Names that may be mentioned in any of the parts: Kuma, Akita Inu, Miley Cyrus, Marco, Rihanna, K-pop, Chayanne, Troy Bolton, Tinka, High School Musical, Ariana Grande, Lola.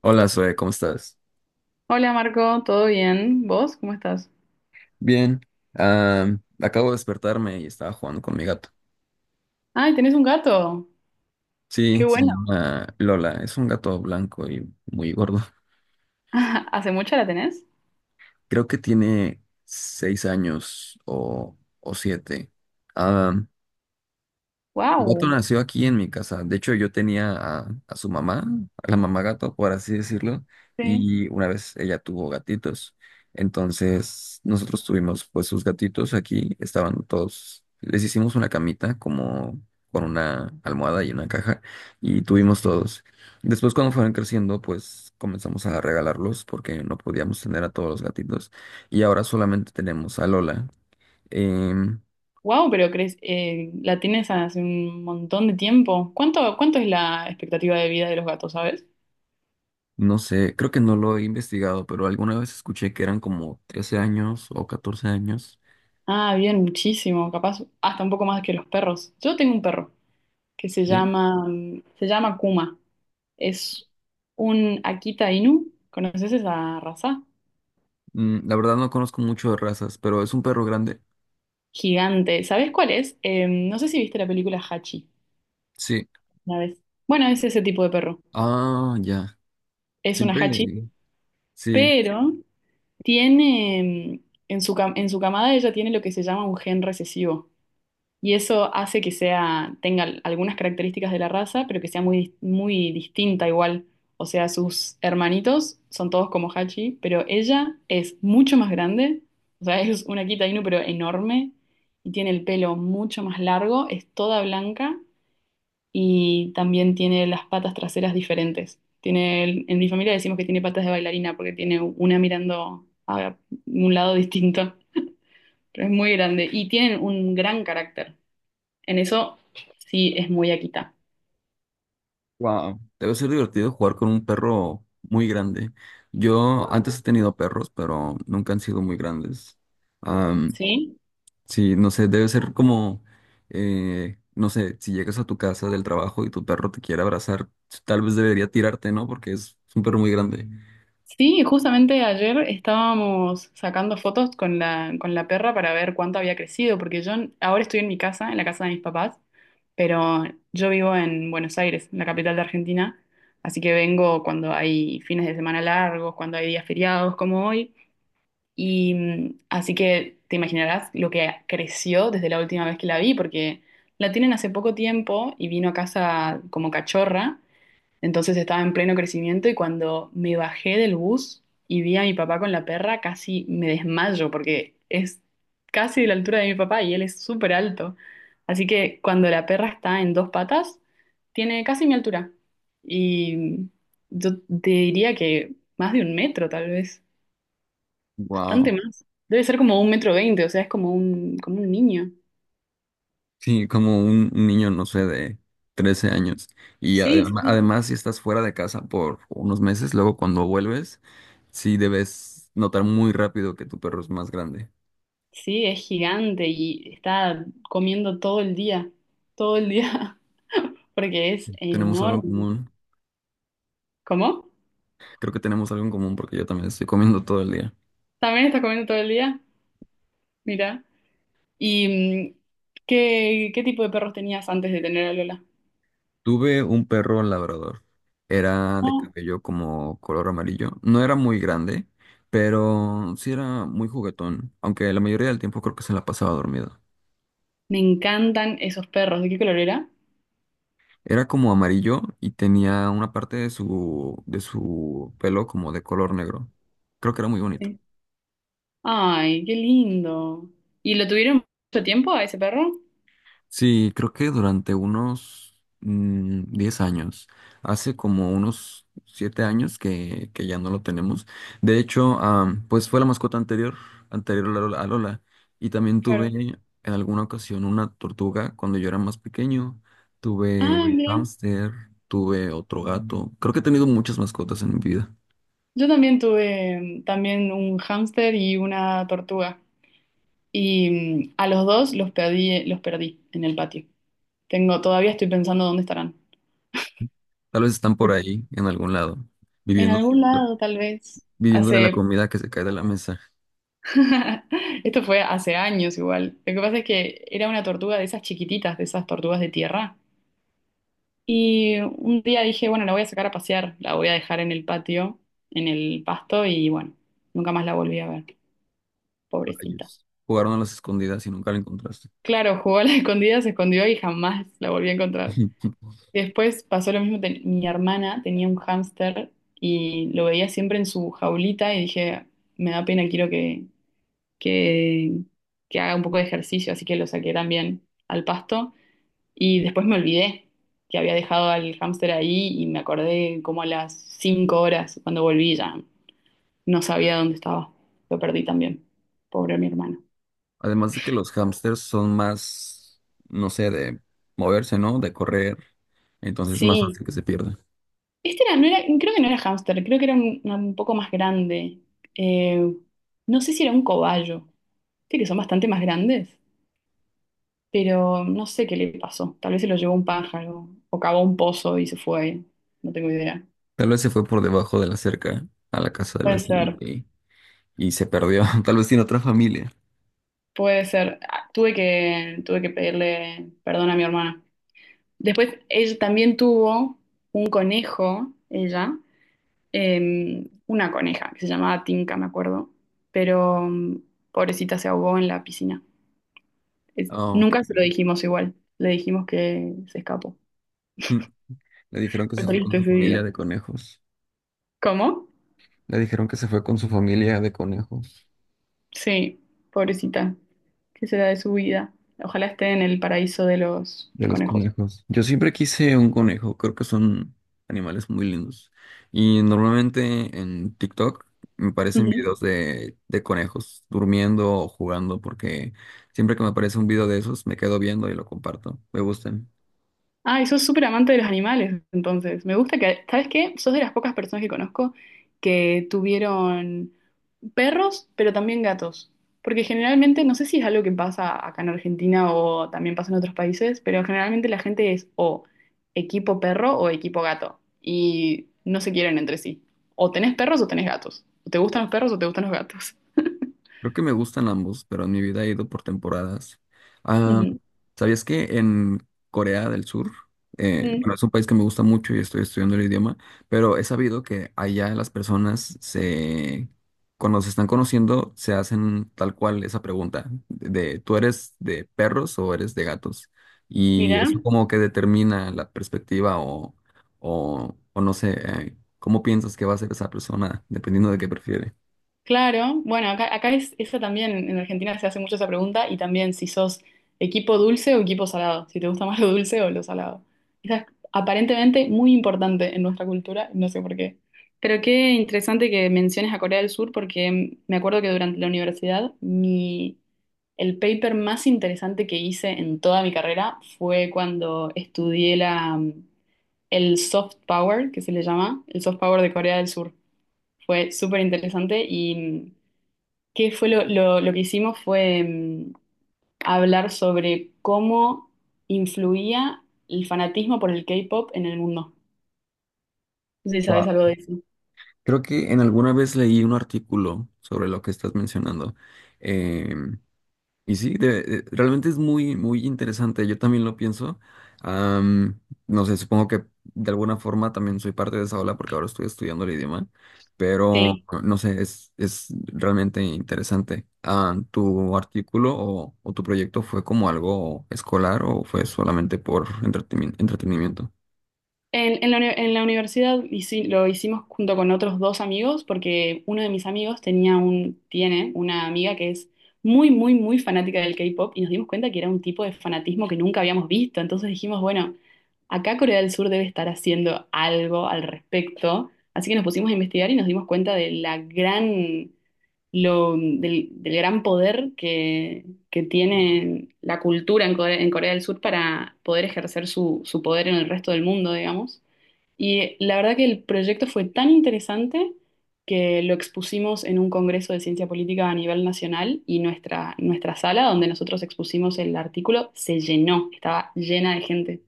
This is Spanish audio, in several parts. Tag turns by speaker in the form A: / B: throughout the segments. A: Hola, Zoe, ¿cómo estás?
B: Hola Marco, ¿todo bien? ¿Vos? ¿Cómo estás?
A: Bien, acabo de despertarme y estaba jugando con mi gato.
B: Ay, tenés un gato.
A: Sí,
B: Qué
A: se
B: bueno.
A: llama Lola, es un gato blanco y muy gordo.
B: ¿Hace mucho la tenés?
A: Creo que tiene seis años o siete. Mi gato
B: Wow.
A: nació aquí en mi casa. De hecho, yo tenía a su mamá, a la mamá gato, por así decirlo,
B: Sí.
A: y una vez ella tuvo gatitos. Entonces, nosotros tuvimos pues sus gatitos aquí, estaban todos, les hicimos una camita como con una almohada y una caja, y tuvimos todos. Después, cuando fueron creciendo, pues comenzamos a regalarlos porque no podíamos tener a todos los gatitos, y ahora solamente tenemos a Lola. Em,
B: Wow, pero crees, la tienes hace un montón de tiempo. ¿Cuánto es la expectativa de vida de los gatos, sabes?
A: No sé, creo que no lo he investigado, pero alguna vez escuché que eran como 13 años o 14 años.
B: Ah, bien, muchísimo, capaz hasta un poco más que los perros. Yo tengo un perro que
A: Sí.
B: se llama Kuma. Es un Akita Inu. ¿Conoces esa raza?
A: Mm, la verdad no conozco mucho de razas, pero es un perro grande.
B: Gigante. ¿Sabes cuál es? No sé si viste la película Hachi.
A: Sí.
B: Una vez. Bueno, es ese tipo de perro.
A: Ah, ya.
B: Es una
A: Siempre.
B: hachi,
A: Sí.
B: pero tiene en su camada ella tiene lo que se llama un gen recesivo y eso hace que sea tenga algunas características de la raza, pero que sea muy distinta igual. O sea, sus hermanitos son todos como hachi, pero ella es mucho más grande, o sea, es una Kita Inu pero enorme y tiene el pelo mucho más largo, es toda blanca y también tiene las patas traseras diferentes. Tiene, en mi familia decimos que tiene patas de bailarina porque tiene una mirando a un lado distinto, pero es muy grande y tienen un gran carácter. En eso sí es muy Akita.
A: Wow. Debe ser divertido jugar con un perro muy grande. Yo antes he tenido perros, pero nunca han sido muy grandes.
B: ¿Sí?
A: Sí, no sé, debe ser como, no sé, si llegas a tu casa del trabajo y tu perro te quiere abrazar, tal vez debería tirarte, ¿no? Porque es un perro muy grande.
B: Sí, justamente ayer estábamos sacando fotos con con la perra para ver cuánto había crecido, porque yo ahora estoy en mi casa, en la casa de mis papás, pero yo vivo en Buenos Aires, en la capital de Argentina, así que vengo cuando hay fines de semana largos, cuando hay días feriados como hoy, y así que te imaginarás lo que creció desde la última vez que la vi, porque la tienen hace poco tiempo y vino a casa como cachorra. Entonces estaba en pleno crecimiento y cuando me bajé del bus y vi a mi papá con la perra, casi me desmayo porque es casi de la altura de mi papá y él es súper alto. Así que cuando la perra está en dos patas, tiene casi mi altura. Y yo te diría que más de un metro, tal vez, bastante
A: Wow.
B: más. Debe ser como 1,20 m, o sea, es como como un niño.
A: Sí, como un niño, no sé, de 13 años. Y
B: Sí, sí.
A: además, si estás fuera de casa por unos meses, luego cuando vuelves, sí debes notar muy rápido que tu perro es más grande.
B: Sí, es gigante y está comiendo todo el día, todo el día, porque es
A: Tenemos algo en
B: enorme.
A: común.
B: ¿Cómo?
A: Creo que tenemos algo en común porque yo también estoy comiendo todo el día.
B: ¿También estás comiendo todo el día? Mira. ¿Y mm, qué tipo de perros tenías antes de tener a Lola?
A: Tuve un perro labrador. Era de
B: Oh,
A: cabello como color amarillo. No era muy grande, pero sí era muy juguetón, aunque la mayoría del tiempo creo que se la pasaba dormido.
B: me encantan esos perros. ¿De qué color era?
A: Era como amarillo y tenía una parte de su pelo como de color negro. Creo que era muy bonito.
B: Sí. Ay, qué lindo. ¿Y lo tuvieron mucho tiempo a ese perro?
A: Sí, creo que durante unos 10 años, hace como unos 7 años que ya no lo tenemos. De hecho, pues fue la mascota anterior, anterior a Lola, a Lola. Y también tuve
B: Claro.
A: en alguna ocasión una tortuga cuando yo era más pequeño. Tuve
B: Ah,
A: un
B: mira.
A: hámster, tuve otro gato. Creo que he tenido muchas mascotas en mi vida.
B: Yo también tuve también un hámster y una tortuga. Y a los dos los perdí en el patio. Tengo, todavía estoy pensando dónde estarán.
A: Tal vez están por ahí, en algún lado,
B: En
A: viviendo,
B: algún lado, tal vez.
A: viviendo de la
B: Hace.
A: comida que se cae de la mesa.
B: Esto fue hace años igual. Lo que pasa es que era una tortuga de esas chiquititas, de esas tortugas de tierra. Y un día dije, bueno, la voy a sacar a pasear, la voy a dejar en el patio, en el pasto, y bueno, nunca más la volví a ver. Pobrecita.
A: Rayos. Jugaron a las escondidas y nunca la encontraste.
B: Claro, jugó a la escondida, se escondió y jamás la volví a encontrar. Después pasó lo mismo, mi hermana tenía un hámster y lo veía siempre en su jaulita y dije, me da pena, quiero que, que haga un poco de ejercicio, así que lo saqué también al pasto. Y después me olvidé que había dejado al hámster ahí y me acordé como a las 5 horas cuando volví ya no sabía dónde estaba. Lo perdí también. Pobre mi hermano.
A: Además de que los hámsters son más, no sé, de moverse, ¿no? De correr. Entonces es más
B: Sí,
A: fácil que se pierda.
B: este era, no era, creo que no era hámster, creo que era un poco más grande. Eh, no sé si era un cobayo, viste que son bastante más grandes, pero no sé qué le pasó. Tal vez se lo llevó un pájaro o cavó un pozo y se fue, no tengo idea.
A: Tal vez se fue por debajo de la cerca a la casa del
B: Puede
A: vecino
B: ser,
A: y se perdió. Tal vez tiene otra familia.
B: puede ser. Ah, tuve que, tuve que pedirle perdón a mi hermana. Después, ella también tuvo un conejo, ella, una coneja que se llamaba Tinka, me acuerdo, pero pobrecita se ahogó en la piscina.
A: Ah, ok.
B: Nunca se lo dijimos igual, le dijimos que se escapó.
A: Mm. Le dijeron que
B: Fue
A: se fue con
B: triste
A: su
B: ese
A: familia
B: día.
A: de conejos.
B: ¿Cómo?
A: Le dijeron que se fue con su familia de conejos.
B: Sí, pobrecita. ¿Qué será de su vida? Ojalá esté en el paraíso de los
A: De los
B: conejos.
A: conejos. Yo siempre quise un conejo, creo que son animales muy lindos. Y normalmente en TikTok me aparecen videos de conejos durmiendo o jugando, porque siempre que me aparece un video de esos me quedo viendo y lo comparto. Me gustan.
B: Ay, sos súper amante de los animales, entonces. Me gusta que, ¿sabes qué? Sos de las pocas personas que conozco que tuvieron perros, pero también gatos. Porque generalmente, no sé si es algo que pasa acá en Argentina o también pasa en otros países, pero generalmente la gente es o equipo perro o equipo gato. Y no se quieren entre sí. O tenés perros o tenés gatos. O te gustan los perros o te gustan los gatos.
A: Creo que me gustan ambos, pero en mi vida he ido por temporadas. Ah,
B: Ujú.
A: ¿sabías que en Corea del Sur,
B: Mm.
A: bueno, es un país que me gusta mucho y estoy estudiando el idioma, pero he sabido que allá las personas se, cuando se están conociendo, se hacen tal cual esa pregunta de, ¿tú eres de perros o eres de gatos? Y
B: Mirá.
A: eso como que determina la perspectiva o no sé, cómo piensas que va a ser esa persona, dependiendo de qué prefiere.
B: Claro, bueno, acá es eso también, en Argentina se hace mucho esa pregunta y también si sos equipo dulce o equipo salado, si te gusta más lo dulce o lo salado. Esa es aparentemente muy importante en nuestra cultura, no sé por qué. Pero qué interesante que menciones a Corea del Sur porque me acuerdo que durante la universidad mi, el paper más interesante que hice en toda mi carrera fue cuando estudié la, el soft power, que se le llama, el soft power de Corea del Sur. Fue súper interesante y... ¿qué fue lo que hicimos fue hablar sobre cómo influía el fanatismo por el K-pop en el mundo? No sé si sabes algo de eso.
A: Creo que en alguna vez leí un artículo sobre lo que estás mencionando. Em, y sí, realmente es muy, muy interesante. Yo también lo pienso. Am, no sé, supongo que de alguna forma también soy parte de esa ola porque ahora estoy estudiando el idioma. Pero
B: Sí.
A: no sé, es realmente interesante. Ah, ¿tu artículo o tu proyecto fue como algo escolar o fue solamente por entretenimiento?
B: En la, en la universidad lo hicimos junto con otros dos amigos porque uno de mis amigos tenía un, tiene una amiga que es muy, muy, muy fanática del K-pop y nos dimos cuenta que era un tipo de fanatismo que nunca habíamos visto. Entonces dijimos, bueno, acá Corea del Sur debe estar haciendo algo al respecto. Así que nos pusimos a investigar y nos dimos cuenta de la gran, lo, del gran poder que tienen la cultura en en Corea del Sur para poder ejercer su, su poder en el resto del mundo, digamos. Y la verdad que el proyecto fue tan interesante que lo expusimos en un congreso de ciencia política a nivel nacional y nuestra sala donde nosotros expusimos el artículo se llenó, estaba llena de gente,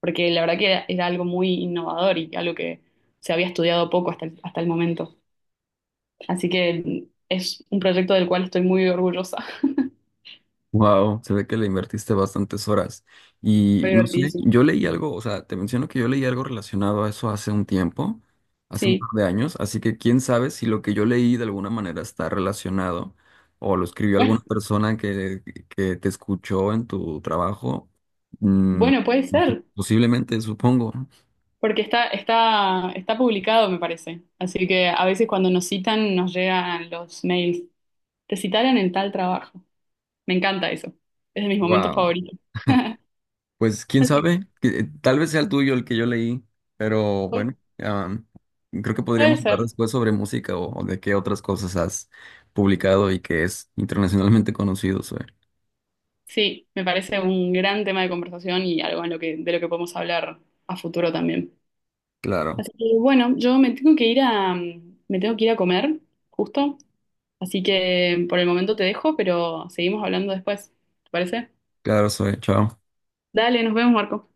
B: porque la verdad que era, era algo muy innovador y algo que se había estudiado poco hasta hasta el momento. Así que es un proyecto del cual estoy muy orgullosa.
A: Wow, se ve que le invertiste bastantes horas. Y
B: Fue
A: no sé,
B: divertidísimo.
A: yo leí algo, o sea, te menciono que yo leí algo relacionado a eso hace un tiempo, hace un
B: Sí.
A: par de años, así que quién sabe si lo que yo leí de alguna manera está relacionado o lo escribió alguna persona que te escuchó en tu trabajo. Mm,
B: Bueno, puede
A: no sé,
B: ser,
A: posiblemente, supongo.
B: porque está publicado, me parece. Así que a veces cuando nos citan nos llegan los mails. Te citaron en tal trabajo. Me encanta eso. Es de mis momentos
A: Wow.
B: favoritos.
A: Pues quién
B: Así que
A: sabe, tal vez sea el tuyo el que yo leí, pero
B: pu-
A: bueno, creo que
B: puede
A: podríamos hablar
B: ser.
A: después sobre música o de qué otras cosas has publicado y que es internacionalmente conocido, Zoe.
B: Sí, me parece un gran tema de conversación y algo en lo que, de lo que podemos hablar a futuro también.
A: Claro,
B: Así que bueno, yo me tengo que ir a, me tengo que ir a comer, justo. Así que por el momento te dejo, pero seguimos hablando después. ¿Te parece?
A: claro, Zoe, chao.
B: Dale, nos vemos, Marco.